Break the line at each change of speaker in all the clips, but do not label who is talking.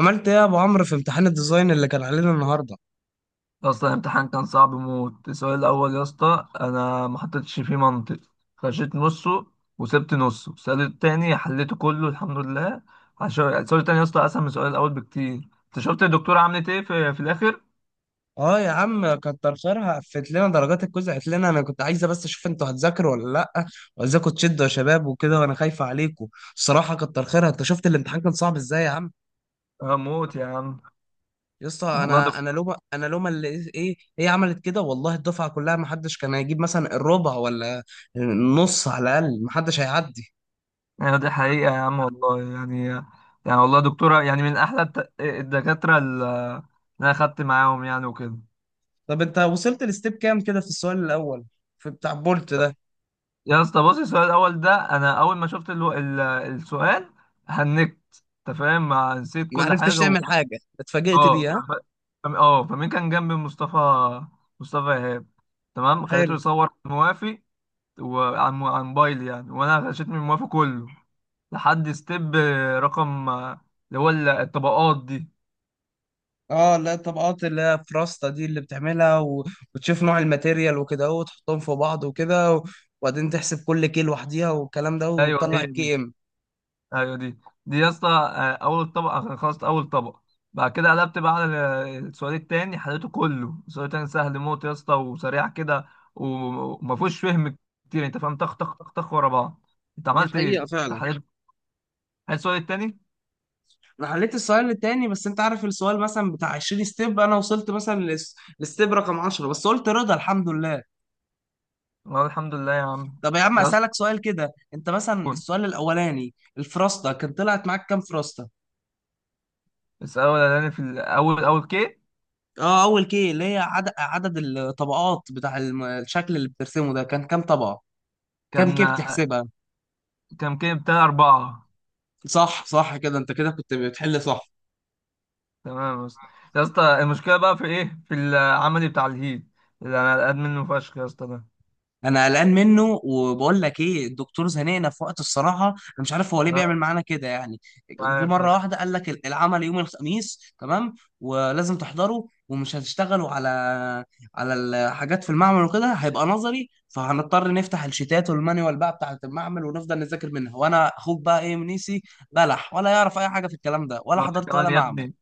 عملت ايه يا ابو عمرو في امتحان الديزاين اللي كان علينا النهارده؟
يا اسطى الامتحان كان صعب موت. السؤال الاول يا اسطى انا ما حطيتش فيه منطق، خشيت نصه وسبت نصه. السؤال التاني حليته كله الحمد لله، عشان السؤال التاني يا اسطى اسهل من السؤال الاول بكتير. انت شفت الدكتوره عملت ايه في الاخر؟
اه يا عم، كتر خيرها قفلت لنا درجات الكويز. قالت لنا انا كنت عايزه بس اشوف انتوا هتذاكروا ولا لا، وعايزاكم تشدوا يا شباب وكده، وانا خايفه عليكم. الصراحه كتر خيرها. انت شفت الامتحان كان صعب ازاي يا عم؟
اه موت يا عم.
يا اسطى،
والله
انا
دكتور،
انا لومه، انا لومه اللي ايه هي عملت كده. والله الدفعه كلها ما حدش كان هيجيب مثلا الربع ولا النص، على الاقل ما حدش هيعدي.
يعني دي حقيقه يا عم والله. يعني يعني والله دكتوره، يعني من احلى الدكاتره اللي انا خدت معاهم يعني وكده.
طب انت وصلت لستيب كام كده في السؤال الاول، في بتاع بولت ده؟
يا اسطى بص، السؤال الاول ده انا اول ما شفت السؤال هنكت، انت فاهم؟ ما نسيت
ما
كل
عرفتش
حاجه و...
تعمل حاجه، اتفاجئت
اه ف...
بيه، ها؟
ف... فم- اه فمين كان جنبي مصطفى، مصطفى ايهاب. تمام، خليته
حلو.
يصور موافي. وعن موبايل يعني، وانا غشيت من موافي كله لحد ستيب رقم اللي هو الطبقات دي.
اه لا، الطبقات اللي هي فراستا دي اللي بتعملها وتشوف نوع الماتيريال وكده اهو، وتحطهم في بعض وكده وبعدين تحسب كل كيل لوحديها والكلام ده
ايوه
وتطلع
هي دي،
الكي ام.
ايوه دي. دي يا اسطى اول طبق، خلصت اول طبق. بعد كده قلبت بقى على السؤال التاني، حليته كله. السؤال التاني سهل موت يا اسطى، وسريع كده وما فيهوش فهم كتير، انت فاهم؟ طخ طخ طخ طخ ورا بعض. انت
دي
عملت ايه
حقيقة
انت
فعلا.
حليت؟ حليت السؤال التاني.
انا حليت السؤال التاني، بس انت عارف السؤال مثلا بتاع 20 ستيب، انا وصلت مثلا لستيب رقم 10 بس، قلت رضا الحمد لله.
والله الحمد لله يا عم.
طب يا عم
يا اسطى
اسالك سؤال كده، انت مثلا السؤال الاولاني الفراستا كان طلعت معاك كام فراستا؟
السؤال الاولاني في الاول اول كي،
اه، اول كي اللي هي عدد عدد الطبقات بتاع الشكل اللي بترسمه ده كان كام طبقة؟ كام،
كان
كيف تحسبها؟
كان كي بتاع اربعة.
صح صح، كده انت كده كنت بتحل صح.
تمام يا اسطى. يا اسطى المشكلة بقى في ايه؟ في العملي بتاع الهيد اللي انا قاعد منه فشخ يا اسطى ده.
انا قلقان منه، وبقول لك ايه، الدكتور زنقنا في وقت. الصراحه انا مش عارف هو ليه بيعمل
أنا
معانا كده يعني.
مش
جه
عارف يا
مره
اسطى.
واحده قال لك العمل يوم الخميس، تمام، ولازم تحضره، ومش هتشتغلوا على على الحاجات في المعمل وكده، هيبقى نظري، فهنضطر نفتح الشيتات والمانيوال بقى بتاعه المعمل ونفضل نذاكر منها. وانا اخوك بقى، ايه، منيسي بلح، ولا يعرف اي حاجه في الكلام ده، ولا
أنا أقول لك
حضرت ولا
كمان يا
معمل.
ابني،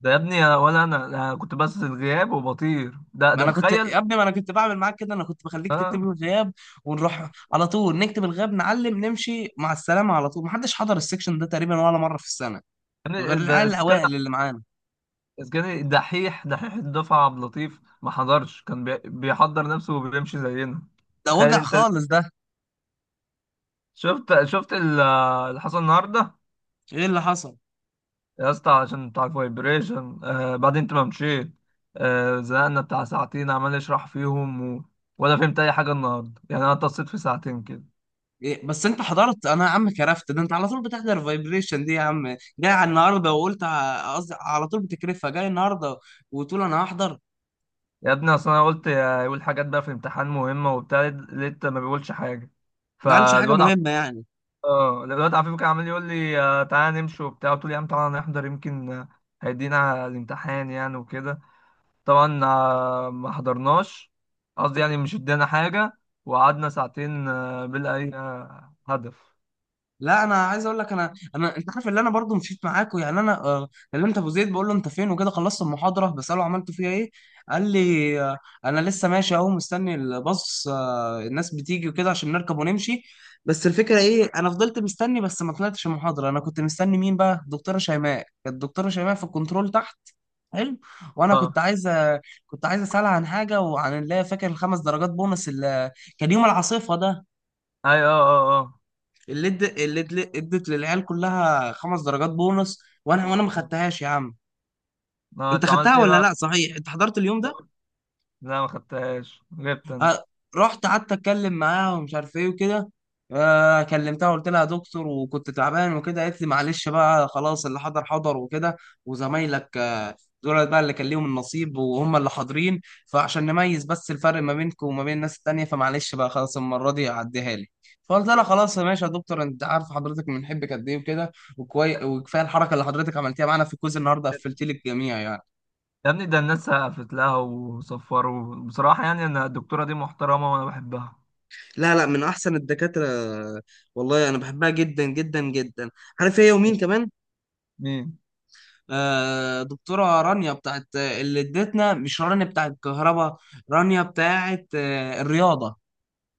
ده يا ابني أنا- ولا انا أنا كنت بس الغياب وبطير ده
ما
ده
انا كنت
تخيل.
يا ابني، ما انا كنت بعمل معاك كده، انا كنت بخليك
اه
تكتب لي الغياب ونروح على طول نكتب الغياب، نعلم، نمشي مع السلامه على طول. محدش حضر السكشن ده تقريبا ولا مره في السنه، غير
يعني ده
العيال
اسكان،
الاوائل اللي معانا.
اسكان دحيح. دحيح الدفعه عبد اللطيف ما حضرش، كان بيحضر نفسه وبيمشي زينا.
ده
تخيل
وجع
انت.
خالص ده.
شفت اللي حصل النهارده؟
ايه اللي حصل؟
يا اسطى عشان بتاع الفايبريشن. آه بعدين انت ما مشيت، زهقنا بتاع ساعتين عمال اشرح فيهم، و... ولا فهمت اي حاجه النهارده يعني. انا اتصلت في ساعتين كده.
إيه، بس انت حضرت؟ انا يا عم كرفت، ده انت على طول بتحضر فايبريشن دي يا عم، جاي على النهارده وقلت قصدي على طول بتكرفها جاي النهارده وتقول انا هحضر.
يا ابني اصل انا قلت يقول حاجات بقى في الامتحان مهمه وبتاع، لقيت ما بيقولش حاجه.
ما قالش حاجه
فالواد عف-
مهمه يعني.
اه الواد عفيف كان عمال يقول لي تعالى نمشي وبتاع. قلت له يا عم تعالى نحضر، يمكن هيدينا الامتحان يعني وكده. طبعا ما حضرناش. قصدي يعني مش ادانا حاجه، وقعدنا ساعتين بلا اي هدف.
لا انا عايز اقول لك، انا انت عارف، اللي انا برضو مشيت معاكوا يعني، انا كلمت ابو زيد، بقول له انت فين وكده، خلصت المحاضره، بساله عملت فيها ايه. قال لي انا لسه ماشي اهو، مستني الباص، الناس بتيجي وكده عشان نركب ونمشي. بس الفكره ايه، انا فضلت مستني، بس ما طلعتش المحاضره. انا كنت مستني مين بقى؟ الدكتوره شيماء. كانت الدكتوره شيماء في الكنترول تحت. حلو. وانا كنت
اه.
عايز، كنت عايز اسالها عن حاجه، وعن اللي هي فاكر الخمس درجات بونص اللي كان يوم العاصفه ده،
اي اه. اه.
ادت للعيال كلها خمس درجات بونص، وانا ما
اه.
خدتهاش يا عم. انت
انت عملت
خدتها
ايه
ولا
بقى؟
لا؟ صحيح انت حضرت اليوم ده.
لا ما خدتهاش، غبت انا.
آه، رحت قعدت اتكلم معاها ومش عارف ايه وكده. كلمتها، قلت لها يا دكتور، وكنت تعبان وكده. قالت لي معلش بقى، خلاص، اللي حضر حضر وكده. وزمايلك دول بقى اللي كان ليهم النصيب، وهم اللي حاضرين، فعشان نميز بس الفرق ما بينكم وما بين الناس التانية، فمعلش بقى، خلاص المرة دي عديها لي. فقلت لها خلاص يا ماشي يا دكتور، انت عارف حضرتك بنحبك قد ايه وكده، وكفايه الحركه اللي حضرتك عملتيها معانا في الكوز النهارده، قفلتي لي الجميع يعني.
يا ابني ده الناس سقفت لها وصفروا بصراحة. يعني أنا الدكتورة دي محترمة وأنا بحبها.
لا لا، من احسن الدكاتره. والله انا بحبها جدا جدا جدا. عارف هي ومين كمان؟
مين؟
آه، دكتوره رانيا بتاعت اللي ادتنا، مش رانيا بتاعت الكهرباء، رانيا بتاعت آه الرياضه.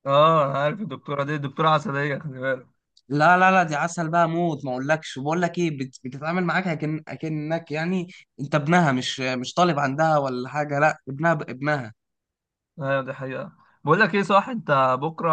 اه انا عارف الدكتورة دي، دكتورة عسلية، خلي بالك.
لا لا لا، دي عسل بقى موت، ما اقولكش، بقول لك ايه، بتتعامل معاك اكن اكنك يعني انت ابنها، مش طالب عندها ولا حاجه، لا ابنها ابنها.
ايوه دي حقيقة. بقول لك ايه، صح انت بكرة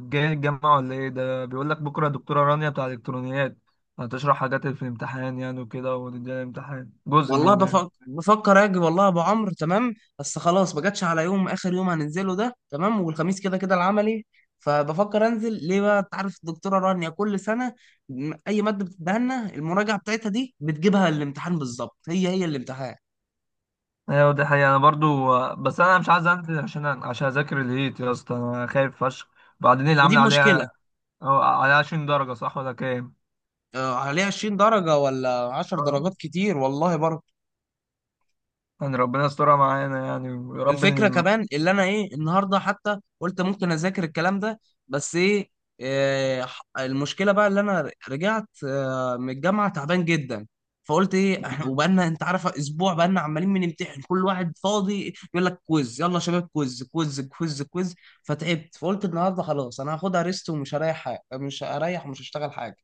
جاي الجامعة ولا ايه؟ ده بيقول لك بكرة دكتورة رانيا بتاع الالكترونيات هتشرح حاجات في الامتحان يعني وكده، ونديها الامتحان جزء
والله
منه يعني.
بفكر بفكر اجي، والله يا ابو عمرو. تمام. بس خلاص، ما جاتش على يوم، اخر يوم هننزله ده، تمام، والخميس كده كده العملي. فبفكر انزل ليه بقى، انت عارف الدكتوره رانيا كل سنه، اي ماده بتديها لنا المراجعه بتاعتها دي بتجيبها الامتحان بالظبط، هي هي الامتحان.
ايوه دي حقيقة انا برضو، بس انا مش عايز انزل عشان اذاكر الهيت. يا اسطى انا خايف فشخ. بعدين اللي
ودي
عامل
مشكله.
عليها، أو عليها 20 درجة، صح ولا كام؟
عليها 20 درجه ولا 10 درجات، كتير والله برضه.
يعني ربنا يسترها معانا يعني، ويا رب
الفكره
ان
كمان اللي انا ايه، النهارده حتى قلت ممكن اذاكر الكلام ده، بس ايه، المشكله بقى اللي انا رجعت من الجامعه تعبان جدا، فقلت ايه، احنا
مم.
وبقالنا انت عارف اسبوع بقالنا عمالين بنمتحن، كل واحد فاضي يقول لك كويز، يلا يا شباب كويز كويز كويز كويز. فتعبت، فقلت النهارده خلاص انا هاخدها ريست، ومش هريح حاجه، مش هريح ومش هشتغل حاجه.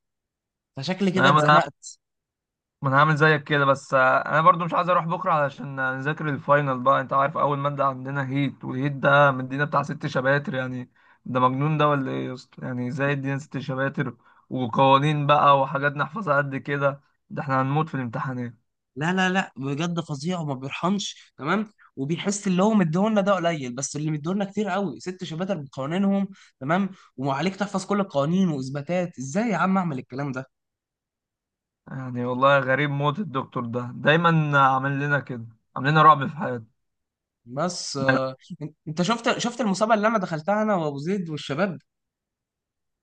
فشكلي كده
انا ما
اتزنقت.
انا هعمل زيك كده. بس انا برضو مش عايز اروح بكره علشان نذاكر الفاينل بقى. انت عارف اول ماده عندنا هيت، والهيت ده مدينا بتاع ست شباتر يعني. ده مجنون ده ولا ايه يا اسطى؟ يعني ازاي ادينا ست شباتر وقوانين بقى وحاجات نحفظها قد كده؟ ده احنا هنموت في الامتحانات.
لا لا لا، بجد فظيع، وما بيرحمش تمام، وبيحس اللي هو مديهولنا ده قليل، بس اللي مديهولنا كتير قوي، ست شباتر بقوانينهم، تمام، وعليك تحفظ كل القوانين واثباتات. ازاي يا عم اعمل الكلام ده؟
يعني والله غريب موت، الدكتور ده دايما عامل لنا كده، عامل لنا رعب في حياتنا.
بس
بس-
انت شفت، شفت المسابقه اللي انا دخلتها انا وابو زيد والشباب؟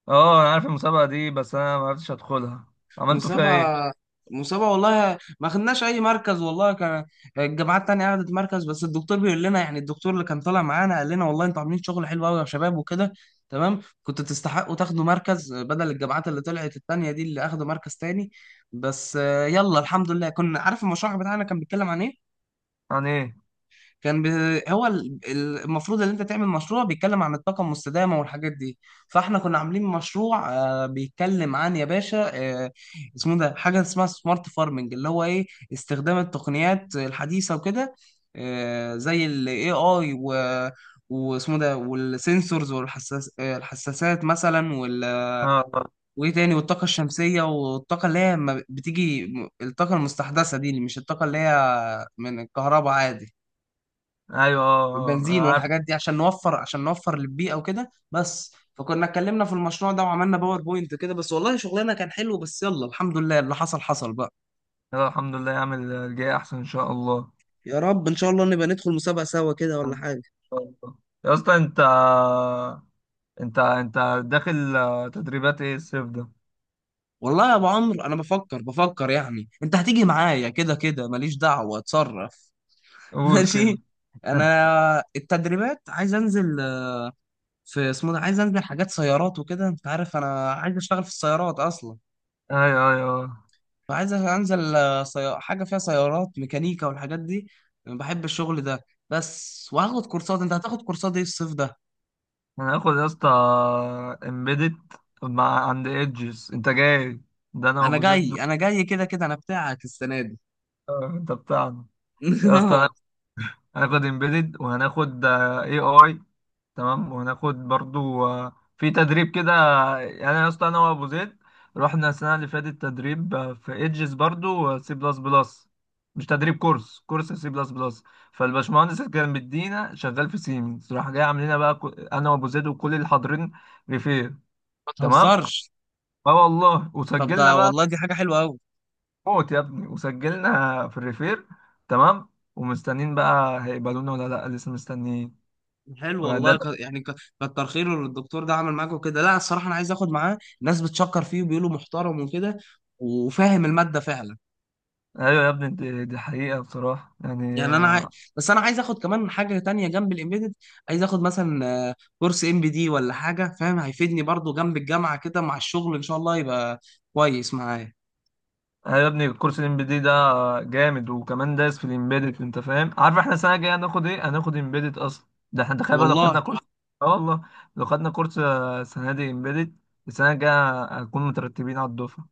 اه انا عارف المسابقه دي، بس انا ما عرفتش ادخلها. عملتوا فيها ايه؟
مسابقة، مسابقة والله ما خدناش أي مركز. والله كان الجامعات التانية أخدت مركز، بس الدكتور بيقول لنا، يعني الدكتور اللي كان طالع معانا قال لنا، والله أنتوا عاملين شغل حلو أوي يا شباب وكده، تمام، كنتوا تستحقوا تاخدوا مركز بدل الجامعات اللي طلعت التانية دي اللي أخدوا مركز تاني. بس يلا الحمد لله. كنا عارف المشروع بتاعنا كان بيتكلم عن إيه؟
عن ايه؟
كان ب... هو المفروض ان انت تعمل مشروع بيتكلم عن الطاقه المستدامه والحاجات دي، فاحنا كنا عاملين مشروع بيتكلم عن، يا باشا، آه، اسمه ده حاجه اسمها سمارت فارمنج، اللي هو ايه، استخدام التقنيات الحديثه وكده، زي الاي اي و واسمه ده، والسنسورز والحساس الحساسات مثلا
اه. آه.
وايه تاني، والطاقه الشمسيه، والطاقه اللي هي ما بتيجي، الطاقه المستحدثه دي، اللي مش الطاقه اللي هي من الكهرباء عادي،
ايوه اه. آه.
البنزين
انا عارف.
والحاجات دي، عشان نوفر، عشان نوفر للبيئة وكده بس. فكنا اتكلمنا في المشروع ده وعملنا باور بوينت كده بس، والله شغلنا كان حلو، بس يلا الحمد لله، اللي حصل حصل بقى.
يلا الحمد لله، يعمل الجاي احسن ان شاء الله. ان
يا رب ان شاء الله نبقى ندخل مسابقة سوا كده ولا حاجة.
شاء الله. يا اسطى انت داخل تدريبات ايه الصيف ده؟
والله يا ابو عمرو، انا بفكر بفكر، يعني انت هتيجي معايا كده كده، ماليش دعوة، اتصرف.
قول كده.
ماشي. انا التدريبات عايز انزل في اسمه ده، عايز انزل حاجات سيارات وكده، انت عارف انا عايز اشتغل في السيارات اصلا،
ايوه ايوه آه.
فعايز انزل حاجه فيها سيارات، ميكانيكا والحاجات دي. أنا بحب الشغل ده بس. وهاخد كورسات، انت هتاخد كورسات ايه الصيف ده؟
انا هاخد يا اسطى امبيدت مع عند ايدجز، انت جاي؟ ده انا
انا
وابو زيد
جاي انا جاي كده كده، انا بتاعك السنه دي.
انت بتاعنا. يا اسطى هناخد امبيدد وهناخد اي اي، تمام، وهناخد برضو في تدريب كده. يعني انا يا اسطى انا وابو زيد رحنا السنه اللي فاتت تدريب في ايدجز، برضو سي بلس بلس. مش تدريب، كورس سي بلس بلس. فالباشمهندس اللي كان مدينا شغال في سيمنز، راح جاي عاملين بقى انا وابو زيد وكل اللي حاضرين ريفير.
ما
تمام.
تهزرش.
اه والله،
طب
وسجلنا
ده
بقى
والله دي حاجه حلوه قوي.
موت يا ابني، وسجلنا في الريفير تمام. ومستنيين بقى هيقبلونا ولا لا، لسه مستنيين.
حلو
وده،
والله، كتر خيره اللي الدكتور ده عمل معاكوا كده، لا الصراحه انا عايز اخد معاه، ناس بتشكر فيه وبيقولوا محترم وكده، وفاهم الماده فعلا.
ايوه يا ابني دي دي حقيقة بصراحة يعني.
يعني انا عاي... بس انا عايز اخد كمان حاجه تانية جنب الامبيدد، عايز اخد مثلا كورس ام بي دي ولا حاجه، فاهم، هيفيدني برضو جنب الجامعه كده مع الشغل، ان شاء الله يبقى كويس معايا.
ايوه يا ابني الكورس الام بي دي ده جامد، وكمان دايس في الامبيدد. انت فاهم؟ عارف احنا السنه الجايه هناخد ايه؟ هناخد امبيدد اصلا. ده احنا تخيل بقى لو
والله
خدنا كورس. اه والله. لو خدنا كورس السنه دي امبيدد، السنه الجايه هنكون مترتبين على الدفعه.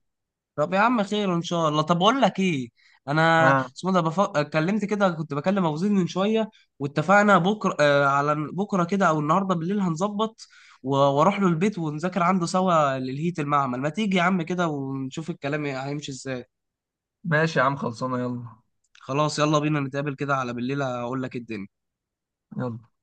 طب يا عم خير ان شاء الله. طب اقول لك ايه، انا
اه
اسمه ده بف... اتكلمت كده، كنت بكلم ابو زيد من شويه، واتفقنا بكره على بكره كده او النهارده بالليل هنظبط، واروح له البيت ونذاكر عنده سوا للهيت، المعمل ما تيجي يا عم كده، ونشوف الكلام إيه، هيمشي ازاي.
ماشي يا عم، خلصانه، يلا.
خلاص يلا بينا، نتقابل كده على بالليل هقول لك الدنيا.
يلا